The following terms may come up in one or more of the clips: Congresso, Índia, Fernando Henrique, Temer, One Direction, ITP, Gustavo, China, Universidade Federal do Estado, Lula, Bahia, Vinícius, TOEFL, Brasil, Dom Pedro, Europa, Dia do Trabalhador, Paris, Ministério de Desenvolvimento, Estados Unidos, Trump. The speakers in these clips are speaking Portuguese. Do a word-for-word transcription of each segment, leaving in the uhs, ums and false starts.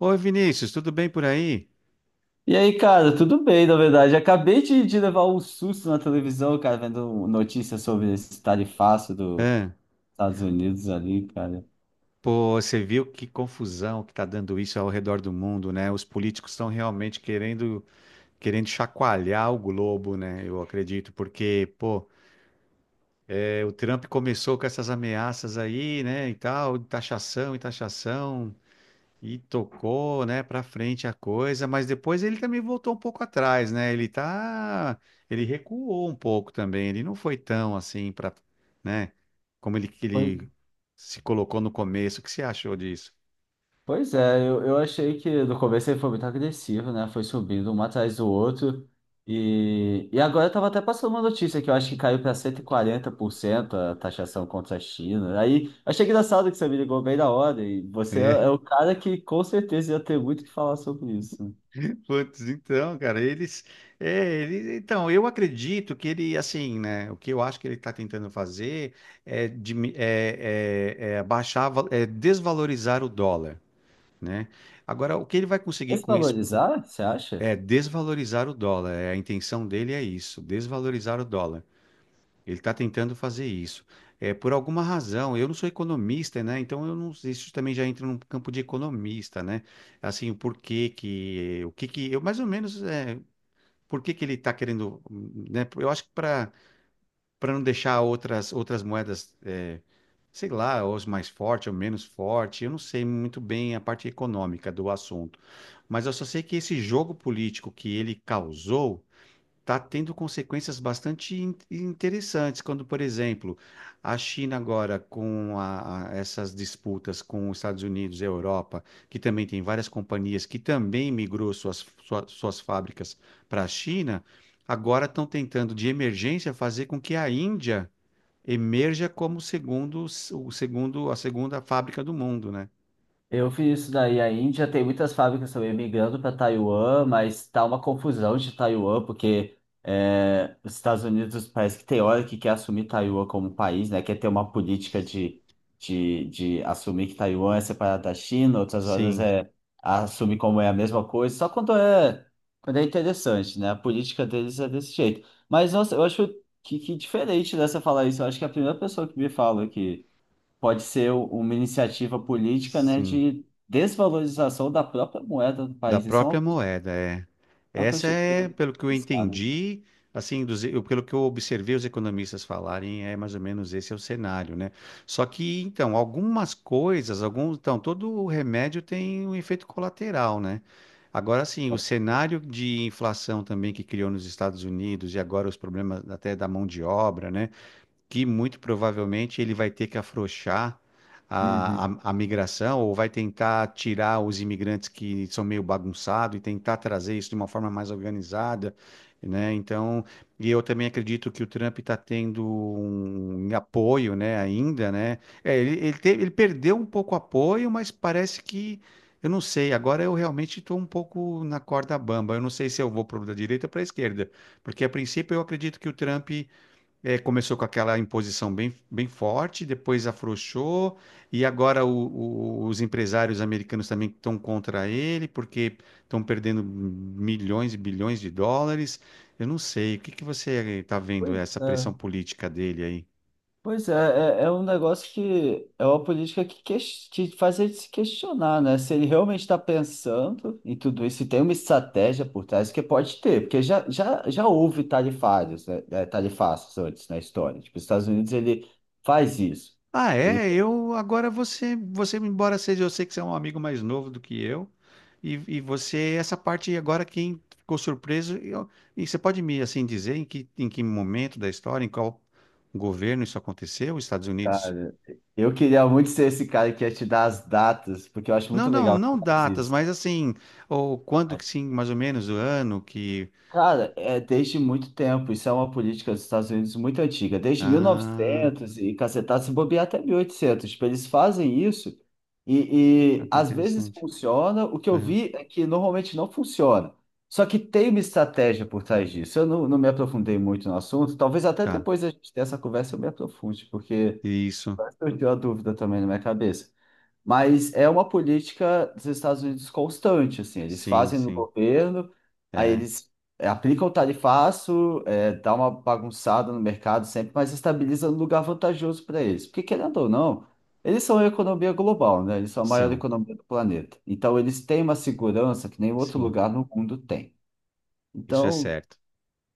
Oi, Vinícius, tudo bem por aí? E aí, cara, tudo bem, na verdade. Acabei de, de levar um susto na televisão, cara, vendo notícias sobre esse tarifaço dos Hã? Estados Unidos ali, cara. Pô, você viu que confusão que tá dando isso ao redor do mundo, né? Os políticos estão realmente querendo, querendo chacoalhar o globo, né? Eu acredito, porque, pô, é, o Trump começou com essas ameaças aí, né, e tal, de taxação e taxação. E tocou, né, para frente a coisa, mas depois ele também voltou um pouco atrás, né? Ele tá, ele recuou um pouco também. Ele não foi tão assim para, né, como ele que Pois, ele se colocou no começo. O que você achou disso? pois é, eu, eu achei que no começo ele foi muito agressivo, né? Foi subindo um atrás do outro. E, e agora eu tava até passando uma notícia que eu acho que caiu para cento e quarenta por cento a taxação contra a China. Aí achei engraçado que você me ligou bem na hora. E você é, É. é o cara que com certeza ia ter muito o que falar sobre isso. Putz, então, cara, eles, é, ele, então, eu acredito que ele, assim, né, o que eu acho que ele está tentando fazer é, dimi- é, é, é abaixar, va- é desvalorizar o dólar, né? Agora, o que ele vai conseguir com isso? Desvalorizar, você acha? É desvalorizar o dólar. É, a intenção dele é isso, desvalorizar o dólar. Ele está tentando fazer isso. É, por alguma razão, eu não sou economista, né? Então eu não, isso também já entra num campo de economista, né? Assim, o porquê que, o que que, eu mais ou menos, é, por que que ele está querendo, né? Eu acho que para para não deixar outras, outras moedas, eh, sei lá, ou as mais forte ou menos forte. Eu não sei muito bem a parte econômica do assunto, mas eu só sei que esse jogo político que ele causou está tendo consequências bastante in- interessantes, quando, por exemplo, a China agora com a- a- essas disputas com os Estados Unidos e a Europa, que também tem várias companhias que também migrou suas, sua- suas fábricas para a China, agora estão tentando, de emergência, fazer com que a Índia emerja como segundo, o segundo, a segunda fábrica do mundo, né? Eu fiz isso daí. A Índia tem muitas fábricas também migrando para Taiwan, mas tá uma confusão de Taiwan, porque é, os Estados Unidos parece que tem hora que quer assumir Taiwan como país, né? Quer ter uma política de, de, de assumir que Taiwan é separado da China, outras horas Sim, é assumir como é a mesma coisa, só quando é, quando é interessante, né? A política deles é desse jeito. Mas, nossa, eu acho que, que diferente dessa falar isso. Eu acho que é a primeira pessoa que me fala que pode ser u- uma iniciativa política, né, sim. de desvalorização da própria moeda do Da país. Isso é uma, própria coisa- moeda, é. é uma Essa coisa de é, tudo pelo que eu pensar, né? entendi, assim, dos, eu- pelo que eu observei os economistas falarem, é mais ou menos esse é o cenário, né? Só que, então, algumas coisas, alguns, então, todo o remédio tem um efeito colateral, né? Agora, sim, o Com certeza. cenário de inflação também que criou nos Estados Unidos e agora os problemas até da mão de obra, né? Que muito provavelmente ele vai ter que afrouxar a, Uhum. a, a migração ou vai tentar tirar os imigrantes que são meio bagunçados e tentar trazer isso de uma forma mais organizada, né? Então, e eu também acredito que o Trump está tendo um um apoio, né, ainda, né? É, ele, ele, teve, ele perdeu um pouco o apoio, mas parece que eu não sei, agora eu realmente estou um pouco na corda bamba. Eu não sei se eu vou para da direita ou para a esquerda, porque a princípio eu acredito que o Trump é, começou com aquela imposição bem, bem forte, depois afrouxou, e agora o- o- os empresários americanos também estão contra ele, porque estão perdendo milhões e bilhões de dólares. Eu não sei, o que que você está vendo Pois essa é, pressão política dele aí? Pois é, é, é um negócio que é uma política que, ques- que faz a se questionar, né? Se ele realmente está pensando em tudo isso, se tem uma estratégia por trás, que pode ter, porque já, já, já houve tarifários, né? eh, Tarifaços antes na história. Tipo, os Estados Unidos ele faz isso. Ah, é, eu agora você, você embora seja, eu sei que você é um amigo mais novo do que eu, e, e você, essa parte agora quem ficou surpreso, eu- e você pode me assim dizer em que, em que momento da história, em qual governo isso aconteceu, os Estados Unidos? Cara, eu queria muito ser esse cara que ia te dar as datas, porque eu acho Não, muito não, legal que não faz datas, isso. mas assim, ou quando que Mas, sim, mais ou menos o ano que. cara, é desde muito tempo, isso é uma política dos Estados Unidos muito antiga, desde Ah, mil e novecentos e cacetado, se bobear até mil e oitocentos. Tipo, eles fazem isso e, ah, e que às vezes interessante. funciona. O que eu Aham, vi é que normalmente não funciona. Só que tem uma estratégia por trás disso. Eu não, não me aprofundei muito no assunto, talvez até tá, depois a gente ter essa conversa eu me aprofunde, porque isso, surgiu a dúvida também na minha cabeça. Mas é uma política dos Estados Unidos constante, assim, eles sim, fazem no sim, governo, aí é, eles eh, aplicam o tarifaço, eh, dá uma bagunçada no mercado sempre, mas estabiliza no lugar vantajoso para eles. Porque, querendo ou não, eles são a economia global, né? Eles são a maior são, economia do planeta. Então, eles têm uma segurança que nenhum outro sim, lugar no mundo tem. isso é Então, certo.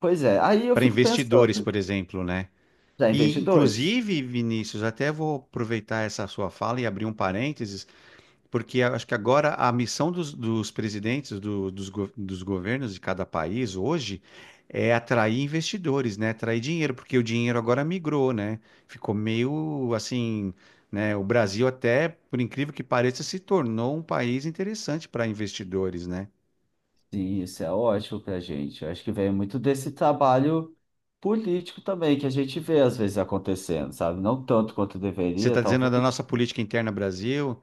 pois é, aí eu Para fico investidores, pensando, por exemplo, né? já E, investidores? inclusive, Vinícius, até vou aproveitar essa sua fala e abrir um parênteses, porque eu acho que agora a missão dos, dos presidentes do- dos, go- dos governos de cada país hoje é atrair investidores, né? Atrair dinheiro, porque o dinheiro agora migrou, né? Ficou meio assim, né? O Brasil até, por incrível que pareça, se tornou um país interessante para investidores, né? Sim, isso é ótimo para a gente. Eu acho que vem muito desse trabalho político também que a gente vê às vezes acontecendo, sabe? Não tanto quanto Você deveria, está dizendo talvez. da nossa política interna Brasil?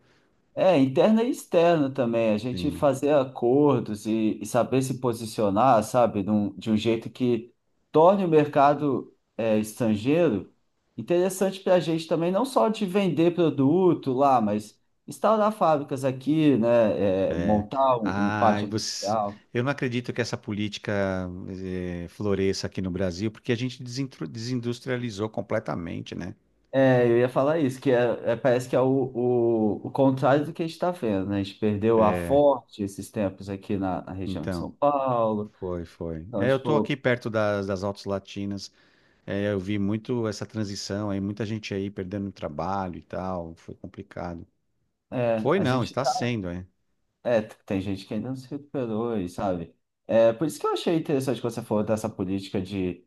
É, interna e externa também. A gente Sim. Né? fazer acordos e, e saber se posicionar, sabe? Num- de um jeito que torne o mercado é, estrangeiro interessante para a gente também, não só de vender produto lá, mas instaurar fábricas aqui, né? É, montar um, um Ai, parque você. industrial. Eu não acredito que essa política eh, floresça aqui no Brasil, porque a gente desintru- desindustrializou completamente, né? É, eu ia falar isso, que é, é- parece que é o, o, o contrário do que a gente está vendo, né? A gente perdeu a Forte esses tempos aqui na, na região de São Então, Paulo. foi, foi. Então, É, eu tô aqui tipo, perto das, das Altas Latinas, é, eu vi muito essa transição aí, muita gente aí perdendo o trabalho e tal, foi complicado. é, Foi a não, gente está tá, sendo, é. é, tem gente que ainda não se recuperou, e sabe? É, por isso que eu achei interessante quando você falou dessa política de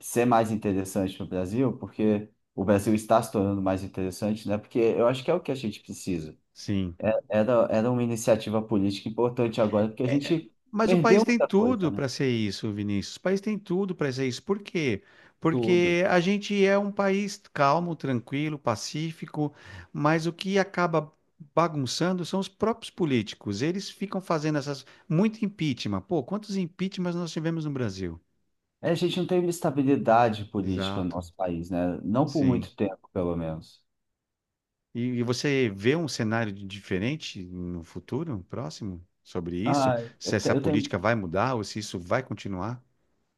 ser mais interessante para o Brasil, porque o Brasil está se tornando mais interessante, né? Porque eu acho que é o que a gente precisa. Sim. Era, era uma iniciativa política importante agora, porque a É, é, gente mas o país perdeu tem muita coisa, tudo né? para ser isso, Vinícius. O país tem tudo para ser isso. Por quê? Tudo. Porque a gente é um país calmo, tranquilo, pacífico, mas o que acaba bagunçando são os próprios políticos. Eles ficam fazendo essas muito impeachment. Pô, quantos impeachments nós tivemos no Brasil? É, a gente não teve estabilidade política no Exato, nosso país, né? Não por sim. muito tempo, pelo menos. E, e você vê um cenário de- diferente no futuro, próximo, sobre isso? Ah, Se eu, te- essa eu tenho, política vai mudar ou se isso vai continuar?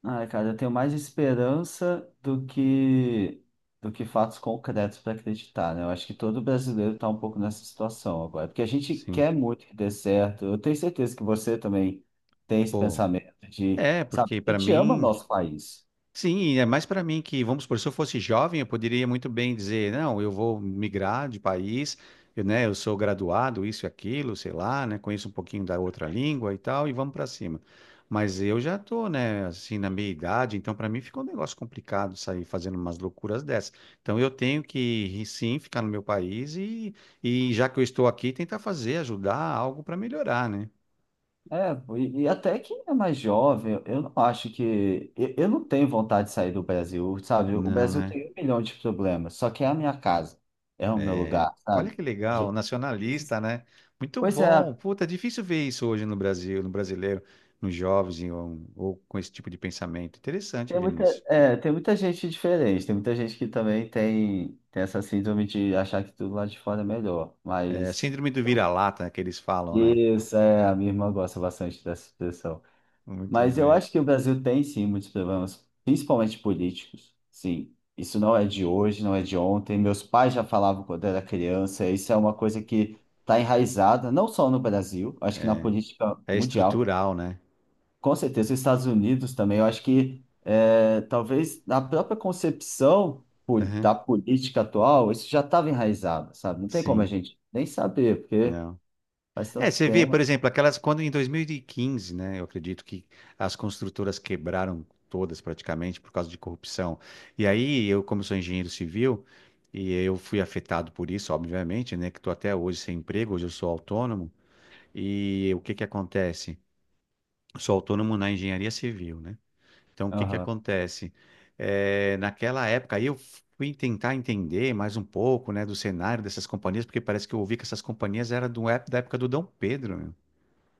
ah, cara, Eu tenho mais esperança do que do que fatos concretos para acreditar, né? Eu acho que todo brasileiro está um pouco nessa situação agora, porque a gente Sim. quer muito que dê certo. Eu tenho certeza que você também tem esse Pô, pensamento de, É, sabe, porque a para gente ama mim, nosso país. sim, é mais para mim que, vamos supor, se eu fosse jovem, eu poderia muito bem dizer, não, eu vou migrar de país, eu, né, eu sou graduado, isso e aquilo, sei lá, né, conheço um pouquinho da outra língua e tal, e vamos para cima. Mas eu já tô, né, assim, na minha idade, então para mim fica um negócio complicado sair fazendo umas loucuras dessas. Então eu tenho que, sim, ficar no meu país e, e já que eu estou aqui, tentar fazer, ajudar algo para melhorar, né? É, e, e até quem é mais jovem, eu eu não acho que. Eu, eu não tenho vontade de sair do Brasil, sabe? O Não, Brasil né? tem um milhão de problemas, só que é a minha casa, é o meu É, lugar, olha sabe? que A legal, gente- esses- nacionalista, né? Muito Pois é, bom. Puta, é difícil ver isso hoje no Brasil, no brasileiro, nos jovens ou, ou com esse tipo de pensamento. Interessante, tem muita, Vinícius. é, tem muita gente diferente, tem muita gente que também tem, tem essa síndrome de achar que tudo lá de fora é melhor, É, mas. síndrome do vira-lata né, que eles falam, né? Isso, é, a minha irmã gosta bastante dessa expressão. Muito Mas eu bem. acho que o Brasil tem sim muitos problemas, principalmente políticos. Sim, isso não é de hoje, não é de ontem. Meus pais já falavam quando era criança. Isso é uma coisa que está enraizada, não só no Brasil, acho que na política É mundial. estrutural, né? Com certeza, os Estados Unidos também. Eu acho que é, talvez na própria concepção pol- Aham, da política atual, isso já estava enraizado, sabe? Não tem como a sim, gente nem saber, porque não. faz É, tanto você vê, por tempo. exemplo, aquelas quando em dois mil e quinze, né? Eu acredito que as construtoras quebraram todas praticamente por causa de corrupção. E aí eu, como sou engenheiro civil, e eu fui afetado por isso, obviamente, né? Que estou até hoje sem emprego, hoje eu sou autônomo. E o que que acontece? Eu sou autônomo na engenharia civil, né? Então o que que Aham. acontece? É, naquela época aí eu fui tentar entender mais um pouco, né, do cenário dessas companhias, porque parece que eu ouvi que essas companhias eram do, ép- da época do Dom Pedro, né?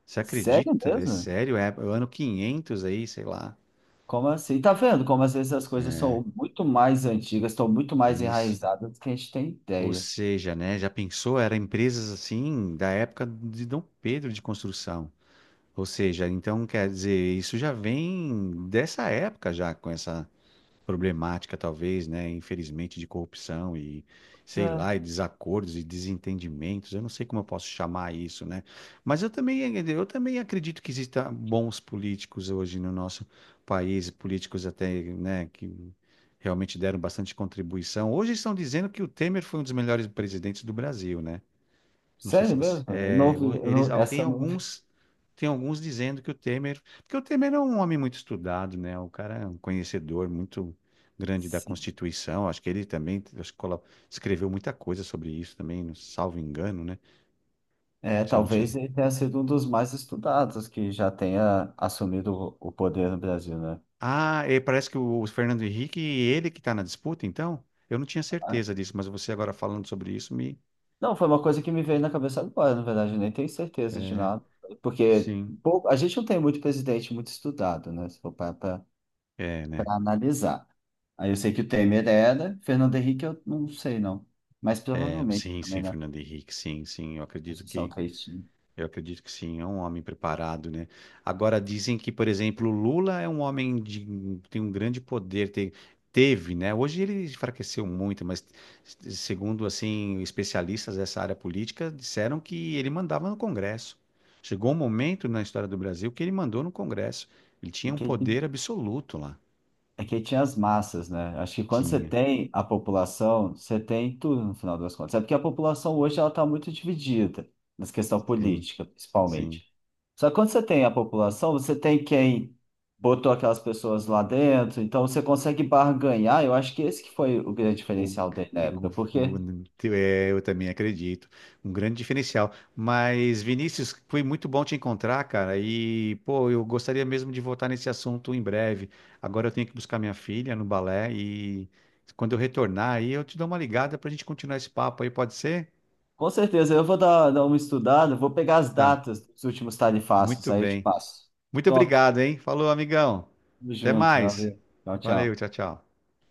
Você Sério acredita? É mesmo? sério? É o ano quinhentos aí, sei lá. Como assim? Tá vendo como às vezes as coisas são muito mais antigas, estão muito mais Isso. enraizadas do que a gente tem Ou ideia. seja, né, já pensou, era empresas assim da época de Dom Pedro de construção. Ou seja, então quer dizer, isso já vem dessa época já com essa problemática, talvez, né? Infelizmente, de corrupção e Mas, sei é, lá, e desacordos e desentendimentos. Eu não sei como eu posso chamar isso, né? Mas eu também, eu também acredito que existam bons políticos hoje no nosso país, políticos até, né, que realmente deram bastante contribuição. Hoje estão dizendo que o Temer foi um dos melhores presidentes do Brasil, né? Não sei se Sério você. mesmo? Eu não, é, vi- o- eu eles não- ah, tem Essa eu não vi. alguns tem alguns dizendo que o Temer, porque o Temer é um homem muito estudado, né? O cara é um conhecedor muito grande da Sim. Constituição. Acho que ele também acho que colo- escreveu muita coisa sobre isso também, não- salvo engano, né? É, Se eu não talvez tive. ele tenha sido um dos mais estudados que já tenha assumido o o poder no Brasil, né? Ah, e parece que o Fernando Henrique, ele que está na disputa, então? Eu não tinha Ah, certeza disso, mas você agora falando sobre isso me. não, foi uma coisa que me veio na cabeça agora, na verdade, eu nem tenho certeza de É, nada. Porque sim. pouco- a gente não tem muito presidente muito estudado, né? Se for parar É, né? para analisar. Aí eu sei que o Temer era, Fernando Henrique eu não sei não, mas É, provavelmente sim, sim, também na Fernando Henrique, sim, sim. Eu acredito Constituição que que ele tinha. Eu acredito que sim, é um homem preparado, né? Agora dizem que, por exemplo, o Lula é um homem de tem um grande poder, tem- teve, né? Hoje ele enfraqueceu muito, mas s- segundo assim especialistas dessa área política disseram que ele mandava no Congresso. Chegou um momento na história do Brasil que ele mandou no Congresso. Ele É tinha um que, ele- poder absoluto lá. É que ele tinha as massas, né? Acho que quando você Tinha. tem a população, você tem tudo no final das contas. É porque a população hoje ela está muito dividida, nessa questão Sim, política, sim. principalmente. Só que quando você tem a população, você tem quem botou aquelas pessoas lá dentro, então você consegue barganhar. Eu acho que esse que foi o grande O, diferencial dele na o- época, o- porque é, eu também acredito. Um grande diferencial. Mas, Vinícius, foi muito bom te encontrar, cara. E, pô, eu gostaria mesmo de voltar nesse assunto em breve. Agora eu tenho que buscar minha filha no balé e quando eu retornar aí eu te dou uma ligada pra gente continuar esse papo aí, pode ser? com certeza, eu vou dar, dar uma estudada, vou pegar as Tá. datas dos últimos tarifácios, Muito aí eu te bem. passo. Muito Top. obrigado, hein? Falou, amigão. Tamo Até junto, mais. valeu. Tchau, Valeu, tchau. tchau, tchau.